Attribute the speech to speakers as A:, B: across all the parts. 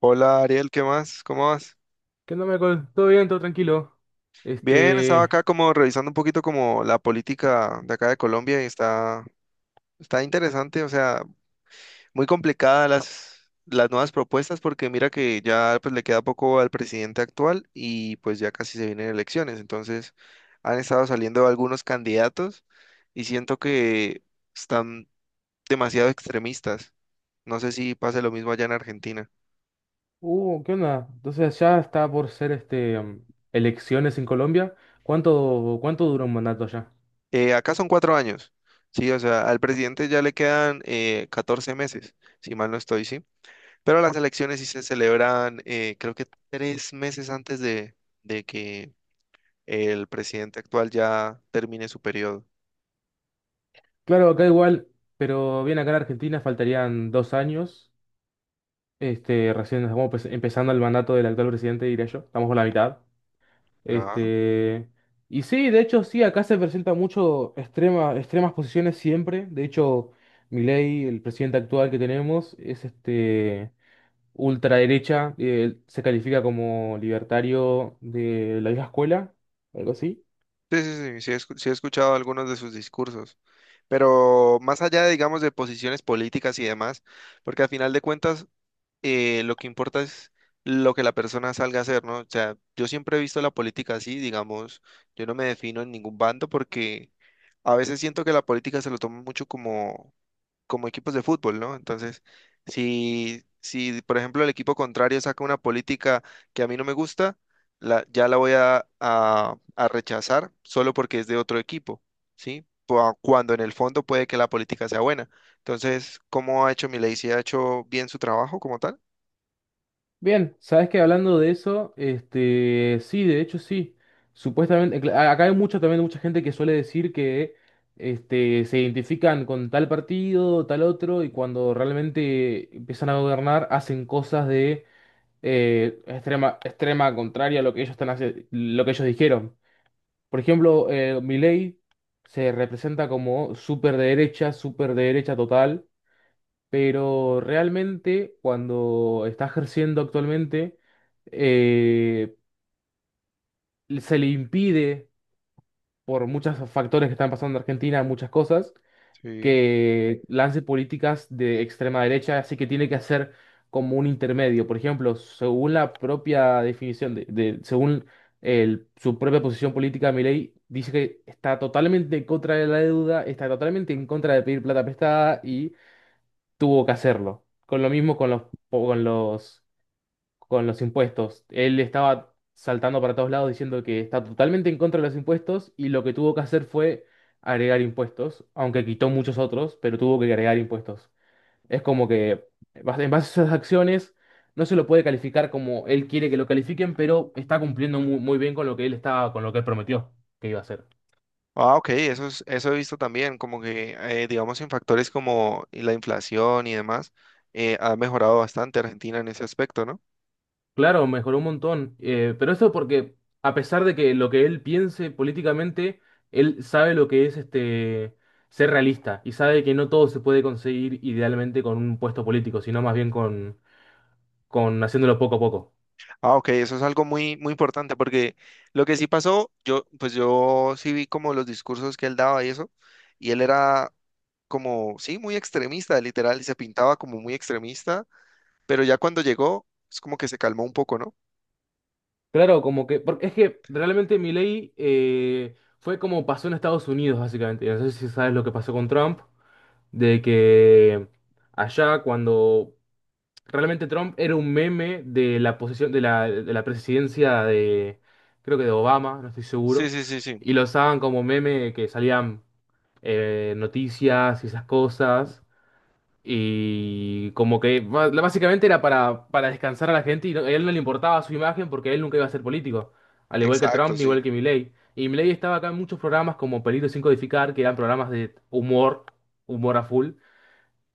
A: Hola, Ariel, ¿qué más? ¿Cómo vas?
B: ¿Qué onda, Michael? ¿Todo bien? ¿Todo tranquilo?
A: Bien, estaba
B: Este...
A: acá como revisando un poquito como la política de acá de Colombia y está interesante, o sea, muy complicada las nuevas propuestas, porque mira que ya pues le queda poco al presidente actual y pues ya casi se vienen elecciones. Entonces han estado saliendo algunos candidatos y siento que están demasiado extremistas. No sé si pase lo mismo allá en Argentina.
B: ¿Qué onda? Entonces ya está por ser elecciones en Colombia. ¿Cuánto dura un mandato allá?
A: Acá son cuatro años, sí, o sea, al presidente ya le quedan 14 meses, si mal no estoy, sí. Pero las elecciones sí se celebran, creo que tres meses antes de que el presidente actual ya termine su periodo.
B: Claro, acá igual, pero bien acá en Argentina faltarían 2 años. Este, recién estamos empezando el mandato del actual presidente, diré yo. Estamos por la mitad.
A: Ah.
B: Este... Y sí, de hecho, sí, acá se presenta mucho extrema, extremas posiciones siempre. De hecho, Milei, el presidente actual que tenemos, es este ultraderecha, se califica como libertario de la vieja escuela, algo así.
A: Sí, sí, sí, sí sí he escuchado algunos de sus discursos, pero más allá, digamos, de posiciones políticas y demás, porque al final de cuentas lo que importa es lo que la persona salga a hacer, ¿no? O sea, yo siempre he visto la política así, digamos, yo no me defino en ningún bando, porque a veces siento que la política se lo toma mucho como equipos de fútbol, ¿no? Entonces, si, si, por ejemplo, el equipo contrario saca una política que a mí no me gusta, ya la voy a rechazar solo porque es de otro equipo, ¿sí? Cuando en el fondo puede que la política sea buena. Entonces, ¿cómo ha hecho Milei? ¿Si ha hecho bien su trabajo como tal?
B: Bien, sabes que hablando de eso, este, sí, de hecho sí. Supuestamente, acá hay mucho también mucha gente que suele decir que este, se identifican con tal partido, tal otro, y cuando realmente empiezan a gobernar hacen cosas de extrema contraria a lo que ellos están lo que ellos dijeron. Por ejemplo, Milei se representa como súper derecha total, pero realmente cuando está ejerciendo actualmente, eh, se le impide, por muchos factores que están pasando en Argentina, muchas cosas,
A: Sí.
B: que lance políticas de extrema derecha, así que tiene que hacer como un intermedio. Por ejemplo, según la propia definición de según su propia posición política, Milei dice que está totalmente en contra de la deuda, está totalmente en contra de pedir plata prestada y tuvo que hacerlo. Con lo mismo con los con los impuestos. Él estaba saltando para todos lados diciendo que está totalmente en contra de los impuestos y lo que tuvo que hacer fue agregar impuestos, aunque quitó muchos otros, pero tuvo que agregar impuestos. Es como que en base a esas acciones no se lo puede calificar como él quiere que lo califiquen, pero está cumpliendo muy, bien con lo que él estaba, con lo que él prometió que iba a hacer.
A: Ah, ok, eso es, eso he visto también, como que, digamos, en factores como la inflación y demás, ha mejorado bastante Argentina en ese aspecto, ¿no?
B: Claro, mejoró un montón. Pero eso porque, a pesar de que lo que él piense políticamente, él sabe lo que es este ser realista y sabe que no todo se puede conseguir idealmente con un puesto político, sino más bien con haciéndolo poco a poco.
A: Ah, ok, eso es algo muy, muy importante, porque lo que sí pasó, yo, pues yo sí vi como los discursos que él daba y eso, y él era como, sí, muy extremista, literal, y se pintaba como muy extremista, pero ya cuando llegó, es como que se calmó un poco, ¿no?
B: Claro, como que, porque es que realmente Milei fue como pasó en Estados Unidos, básicamente. No sé si sabes lo que pasó con Trump, de que allá cuando realmente Trump era un meme de la posesión, de la presidencia de, creo que de Obama, no estoy
A: Sí,
B: seguro.
A: sí, sí, sí,
B: Y lo usaban como meme que salían noticias y esas cosas. Y como que básicamente era para descansar a la gente y a él no le importaba su imagen porque él nunca iba a ser político. Al igual que
A: exacto,
B: Trump, ni
A: sí.
B: igual que Milley. Y Milley estaba acá en muchos programas como Peligro sin codificar, que eran programas de humor, humor a full.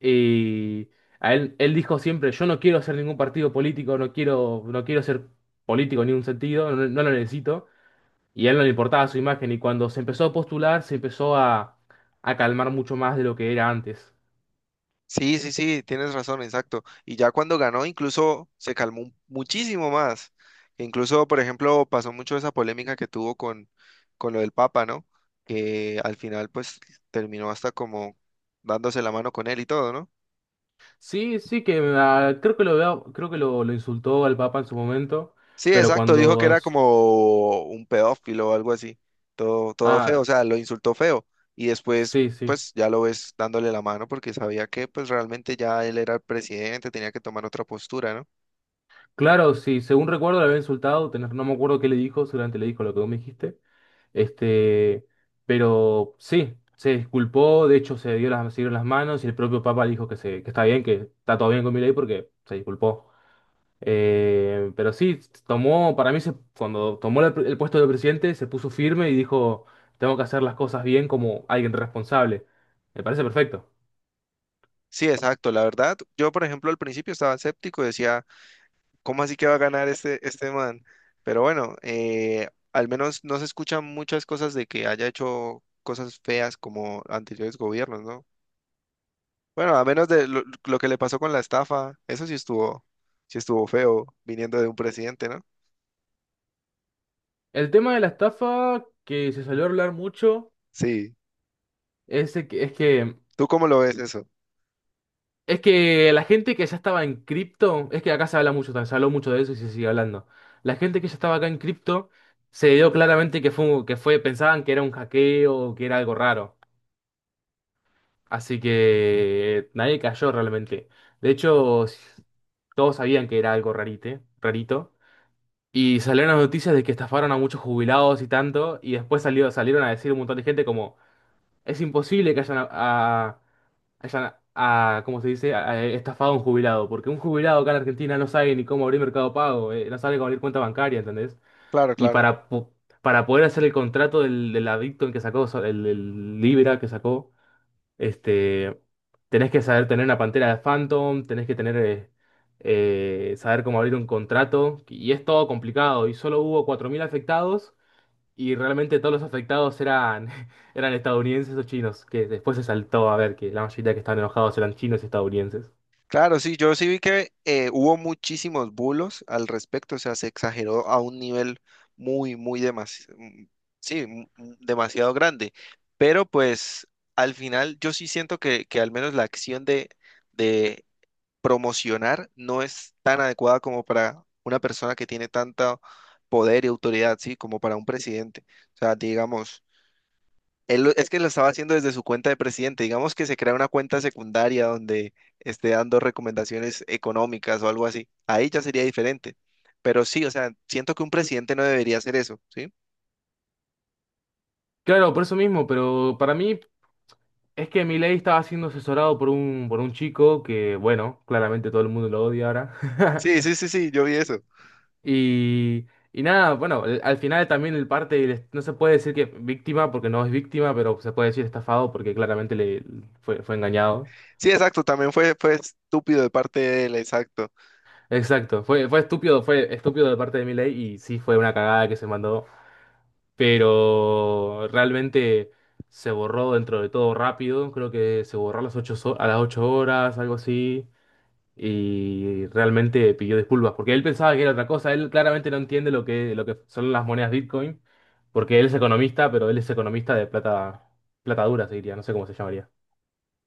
B: Y a él, él dijo siempre, yo no quiero hacer ningún partido político, no quiero, no quiero ser político en ningún sentido, no, no lo necesito. Y a él no le importaba su imagen y cuando se empezó a postular se empezó a calmar mucho más de lo que era antes.
A: Sí, sí, sí, tienes razón, exacto. Y ya cuando ganó, incluso se calmó muchísimo más. Incluso, por ejemplo, pasó mucho esa polémica que tuvo con lo del Papa, ¿no? Que al final, pues, terminó hasta como dándose la mano con él y todo, ¿no?
B: Sí, sí, que ah, creo que lo veo- creo que lo insultó al Papa en su momento,
A: Sí,
B: pero
A: exacto, dijo
B: cuando...
A: que era como un pedófilo o algo así. Todo, todo feo,
B: Ah,
A: o sea, lo insultó feo. Y después,
B: sí, sí.
A: pues, ya lo ves dándole la mano, porque sabía que, pues, realmente ya él era el presidente, tenía que tomar otra postura, ¿no?
B: Claro, sí, según recuerdo le había insultado, no me acuerdo qué le dijo, seguramente le dijo lo que vos me dijiste. Este, pero sí, se disculpó, de hecho se dio las, se dieron las manos y el propio Papa le dijo que, se, que está bien, que está todo bien con ley porque se disculpó. Pero sí, tomó, para mí cuando tomó el puesto de presidente se puso firme y dijo, tengo que hacer las cosas bien como alguien responsable. Me parece perfecto.
A: Sí, exacto. La verdad, yo por ejemplo al principio estaba escéptico y decía, ¿cómo así que va a ganar este, este man? Pero bueno, al menos no se escuchan muchas cosas de que haya hecho cosas feas como anteriores gobiernos, ¿no? Bueno, a menos de lo que le pasó con la estafa, eso sí estuvo feo viniendo de un presidente, ¿no?
B: El tema de la estafa que se salió a hablar mucho
A: Sí.
B: es, de que- es que
A: ¿Tú cómo lo ves eso?
B: Es que la gente que ya estaba en cripto, es que acá se habla mucho, se habló mucho de eso y se sigue hablando. La gente que ya estaba acá en cripto se dio claramente que fue, pensaban que era un hackeo, que era algo raro. Así que nadie cayó realmente. De hecho, todos sabían que era algo rarite, rarito. Y salieron las noticias de que estafaron a muchos jubilados y tanto. Y después salió, salieron a decir un montón de gente como, es imposible que hayan a- hayan, a, ¿cómo se dice?, a estafado a un jubilado. Porque un jubilado acá en Argentina no sabe ni cómo abrir Mercado Pago, no sabe cómo abrir cuenta bancaria, ¿entendés?
A: Claro,
B: Y
A: claro.
B: para, para poder hacer el contrato del, del adicto en que sacó, el Libra que sacó, este, tenés que saber tener una pantera de Phantom, tenés que tener, saber cómo abrir un contrato. Y es todo complicado. Y solo hubo 4.000 afectados. Y realmente todos los afectados eran, eran estadounidenses o chinos, que después se saltó a ver que la mayoría que estaban enojados eran chinos y estadounidenses.
A: Claro, sí, yo sí vi que hubo muchísimos bulos al respecto, o sea, se exageró a un nivel muy, muy demasiado, sí, demasiado grande, pero pues al final yo sí siento que al menos la acción de promocionar no es tan adecuada como para una persona que tiene tanto poder y autoridad, sí, como para un presidente. O sea, digamos... Él es que lo estaba haciendo desde su cuenta de presidente. Digamos que se crea una cuenta secundaria donde esté dando recomendaciones económicas o algo así. Ahí ya sería diferente. Pero sí, o sea, siento que un presidente no debería hacer eso, ¿sí?
B: Claro, por eso mismo, pero para mí es que Milei estaba siendo asesorado por por un chico que, bueno, claramente todo el mundo lo odia ahora.
A: Sí, sí, sí, sí, yo vi eso.
B: Y, y nada, bueno, al final también el parte, no se puede decir que víctima porque no es víctima, pero se puede decir estafado porque claramente le, fue, fue engañado.
A: Sí, exacto, también fue, fue estúpido de parte de él, exacto.
B: Exacto, fue, fue estúpido de parte de Milei y sí fue una cagada que se mandó, pero realmente se borró dentro de todo rápido, creo que se borró a las 8 horas, algo así, y realmente pidió disculpas, porque él pensaba que era otra cosa, él claramente no entiende lo que son las monedas Bitcoin, porque él es economista, pero él es economista de plata, plata dura, se diría, no sé cómo se llamaría.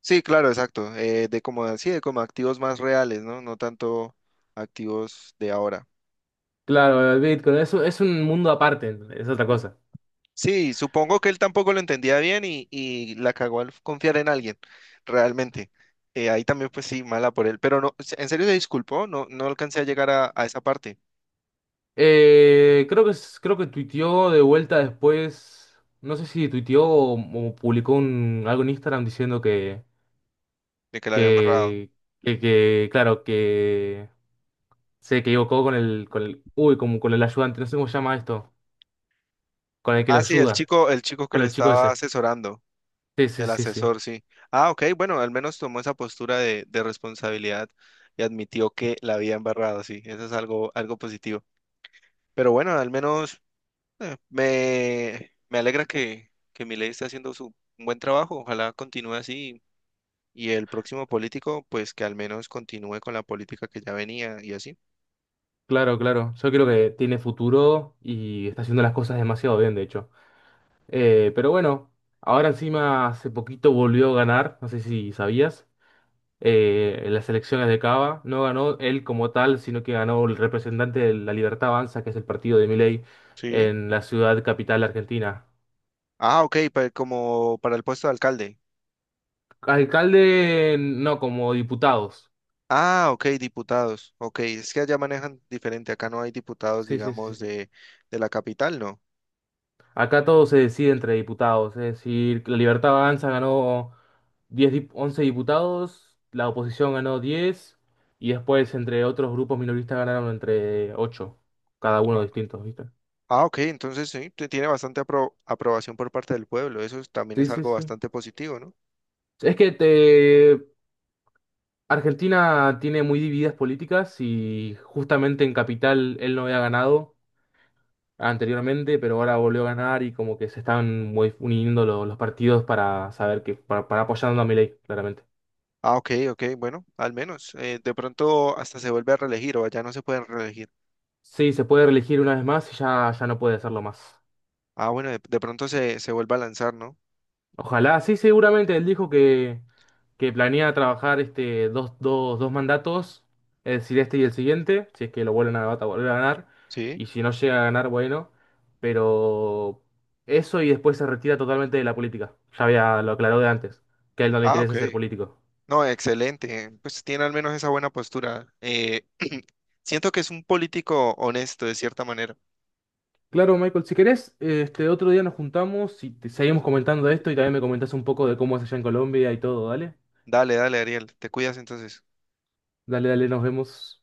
A: Sí, claro, exacto. De como, sí, de como activos más reales, ¿no? No tanto activos de ahora.
B: Claro, el Bitcoin es, es un mundo aparte, es otra cosa.
A: Sí, supongo que él tampoco lo entendía bien y la cagó al confiar en alguien, realmente. Ahí también, pues sí, mala por él. Pero no, en serio se disculpó, no, no alcancé a llegar a esa parte
B: Creo que, creo que tuiteó de vuelta después, no sé si tuiteó o publicó algo en Instagram diciendo
A: de que la habían barrado.
B: que, que, claro, que se equivocó con el, uy, como con el ayudante, no sé cómo se llama esto, con el que lo
A: Ah, sí,
B: ayuda,
A: el chico que
B: con
A: le
B: el chico
A: estaba
B: ese.
A: asesorando,
B: Sí, sí,
A: el
B: sí, sí.
A: asesor, sí. Ah, ok, bueno, al menos tomó esa postura de responsabilidad y admitió que la había embarrado, sí. Eso es algo, algo positivo. Pero bueno, al menos me alegra que Milei esté haciendo su un buen trabajo. Ojalá continúe así y el próximo político, pues que al menos continúe con la política que ya venía y así.
B: Claro, claro. Yo creo que tiene futuro y está haciendo las cosas demasiado bien, de hecho. Pero bueno, ahora encima hace poquito volvió a ganar, no sé si sabías, en las elecciones de Cava. No ganó él como tal, sino que ganó el representante de La Libertad Avanza, que es el partido de Milei,
A: Sí.
B: en la ciudad capital argentina.
A: Ah, ok, como para el puesto de alcalde.
B: Alcalde, no, como diputados.
A: Ah, ok, diputados. Ok, es que allá manejan diferente. Acá no hay diputados,
B: Sí, sí, sí.
A: digamos,
B: sí.
A: de la capital, ¿no?
B: Acá todo se decide entre diputados, es decir, La Libertad Avanza ganó 11 diputados, la oposición ganó 10 y después entre otros grupos minoristas ganaron entre 8 cada uno
A: Ah,
B: distintos, ¿viste?
A: ah, ok, entonces sí, tiene bastante aprobación por parte del pueblo. Eso también
B: Sí,
A: es
B: sí,
A: algo
B: sí.
A: bastante positivo, ¿no?
B: Es que te Argentina tiene muy divididas políticas y justamente en Capital él no había ganado anteriormente, pero ahora volvió a ganar y como que se están uniendo los partidos para saber que para apoyando a Milei, claramente.
A: Ah, ok, ok, bueno, al menos. De pronto hasta se vuelve a reelegir o ya no se pueden reelegir.
B: Sí, se puede reelegir una vez más y ya, ya no puede hacerlo más.
A: Ah, bueno, de pronto se vuelve a lanzar, ¿no?
B: Ojalá, sí, seguramente él dijo que planea trabajar este, dos mandatos, es decir, este y el siguiente, si es que lo vuelven a volver a ganar,
A: Sí.
B: y si no llega a ganar, bueno, pero eso y después se retira totalmente de la política, ya había, lo aclaró de antes, que a él no le
A: Ah, ok.
B: interesa ser político.
A: No, excelente. Pues tiene al menos esa buena postura. Siento que es un político honesto, de cierta manera.
B: Claro, Michael, si querés, este otro día nos juntamos y seguimos comentando esto y también me comentás un poco de cómo es allá en Colombia y todo, dale,
A: Dale, dale, Ariel. Te cuidas entonces.
B: dale, dale, nos vemos.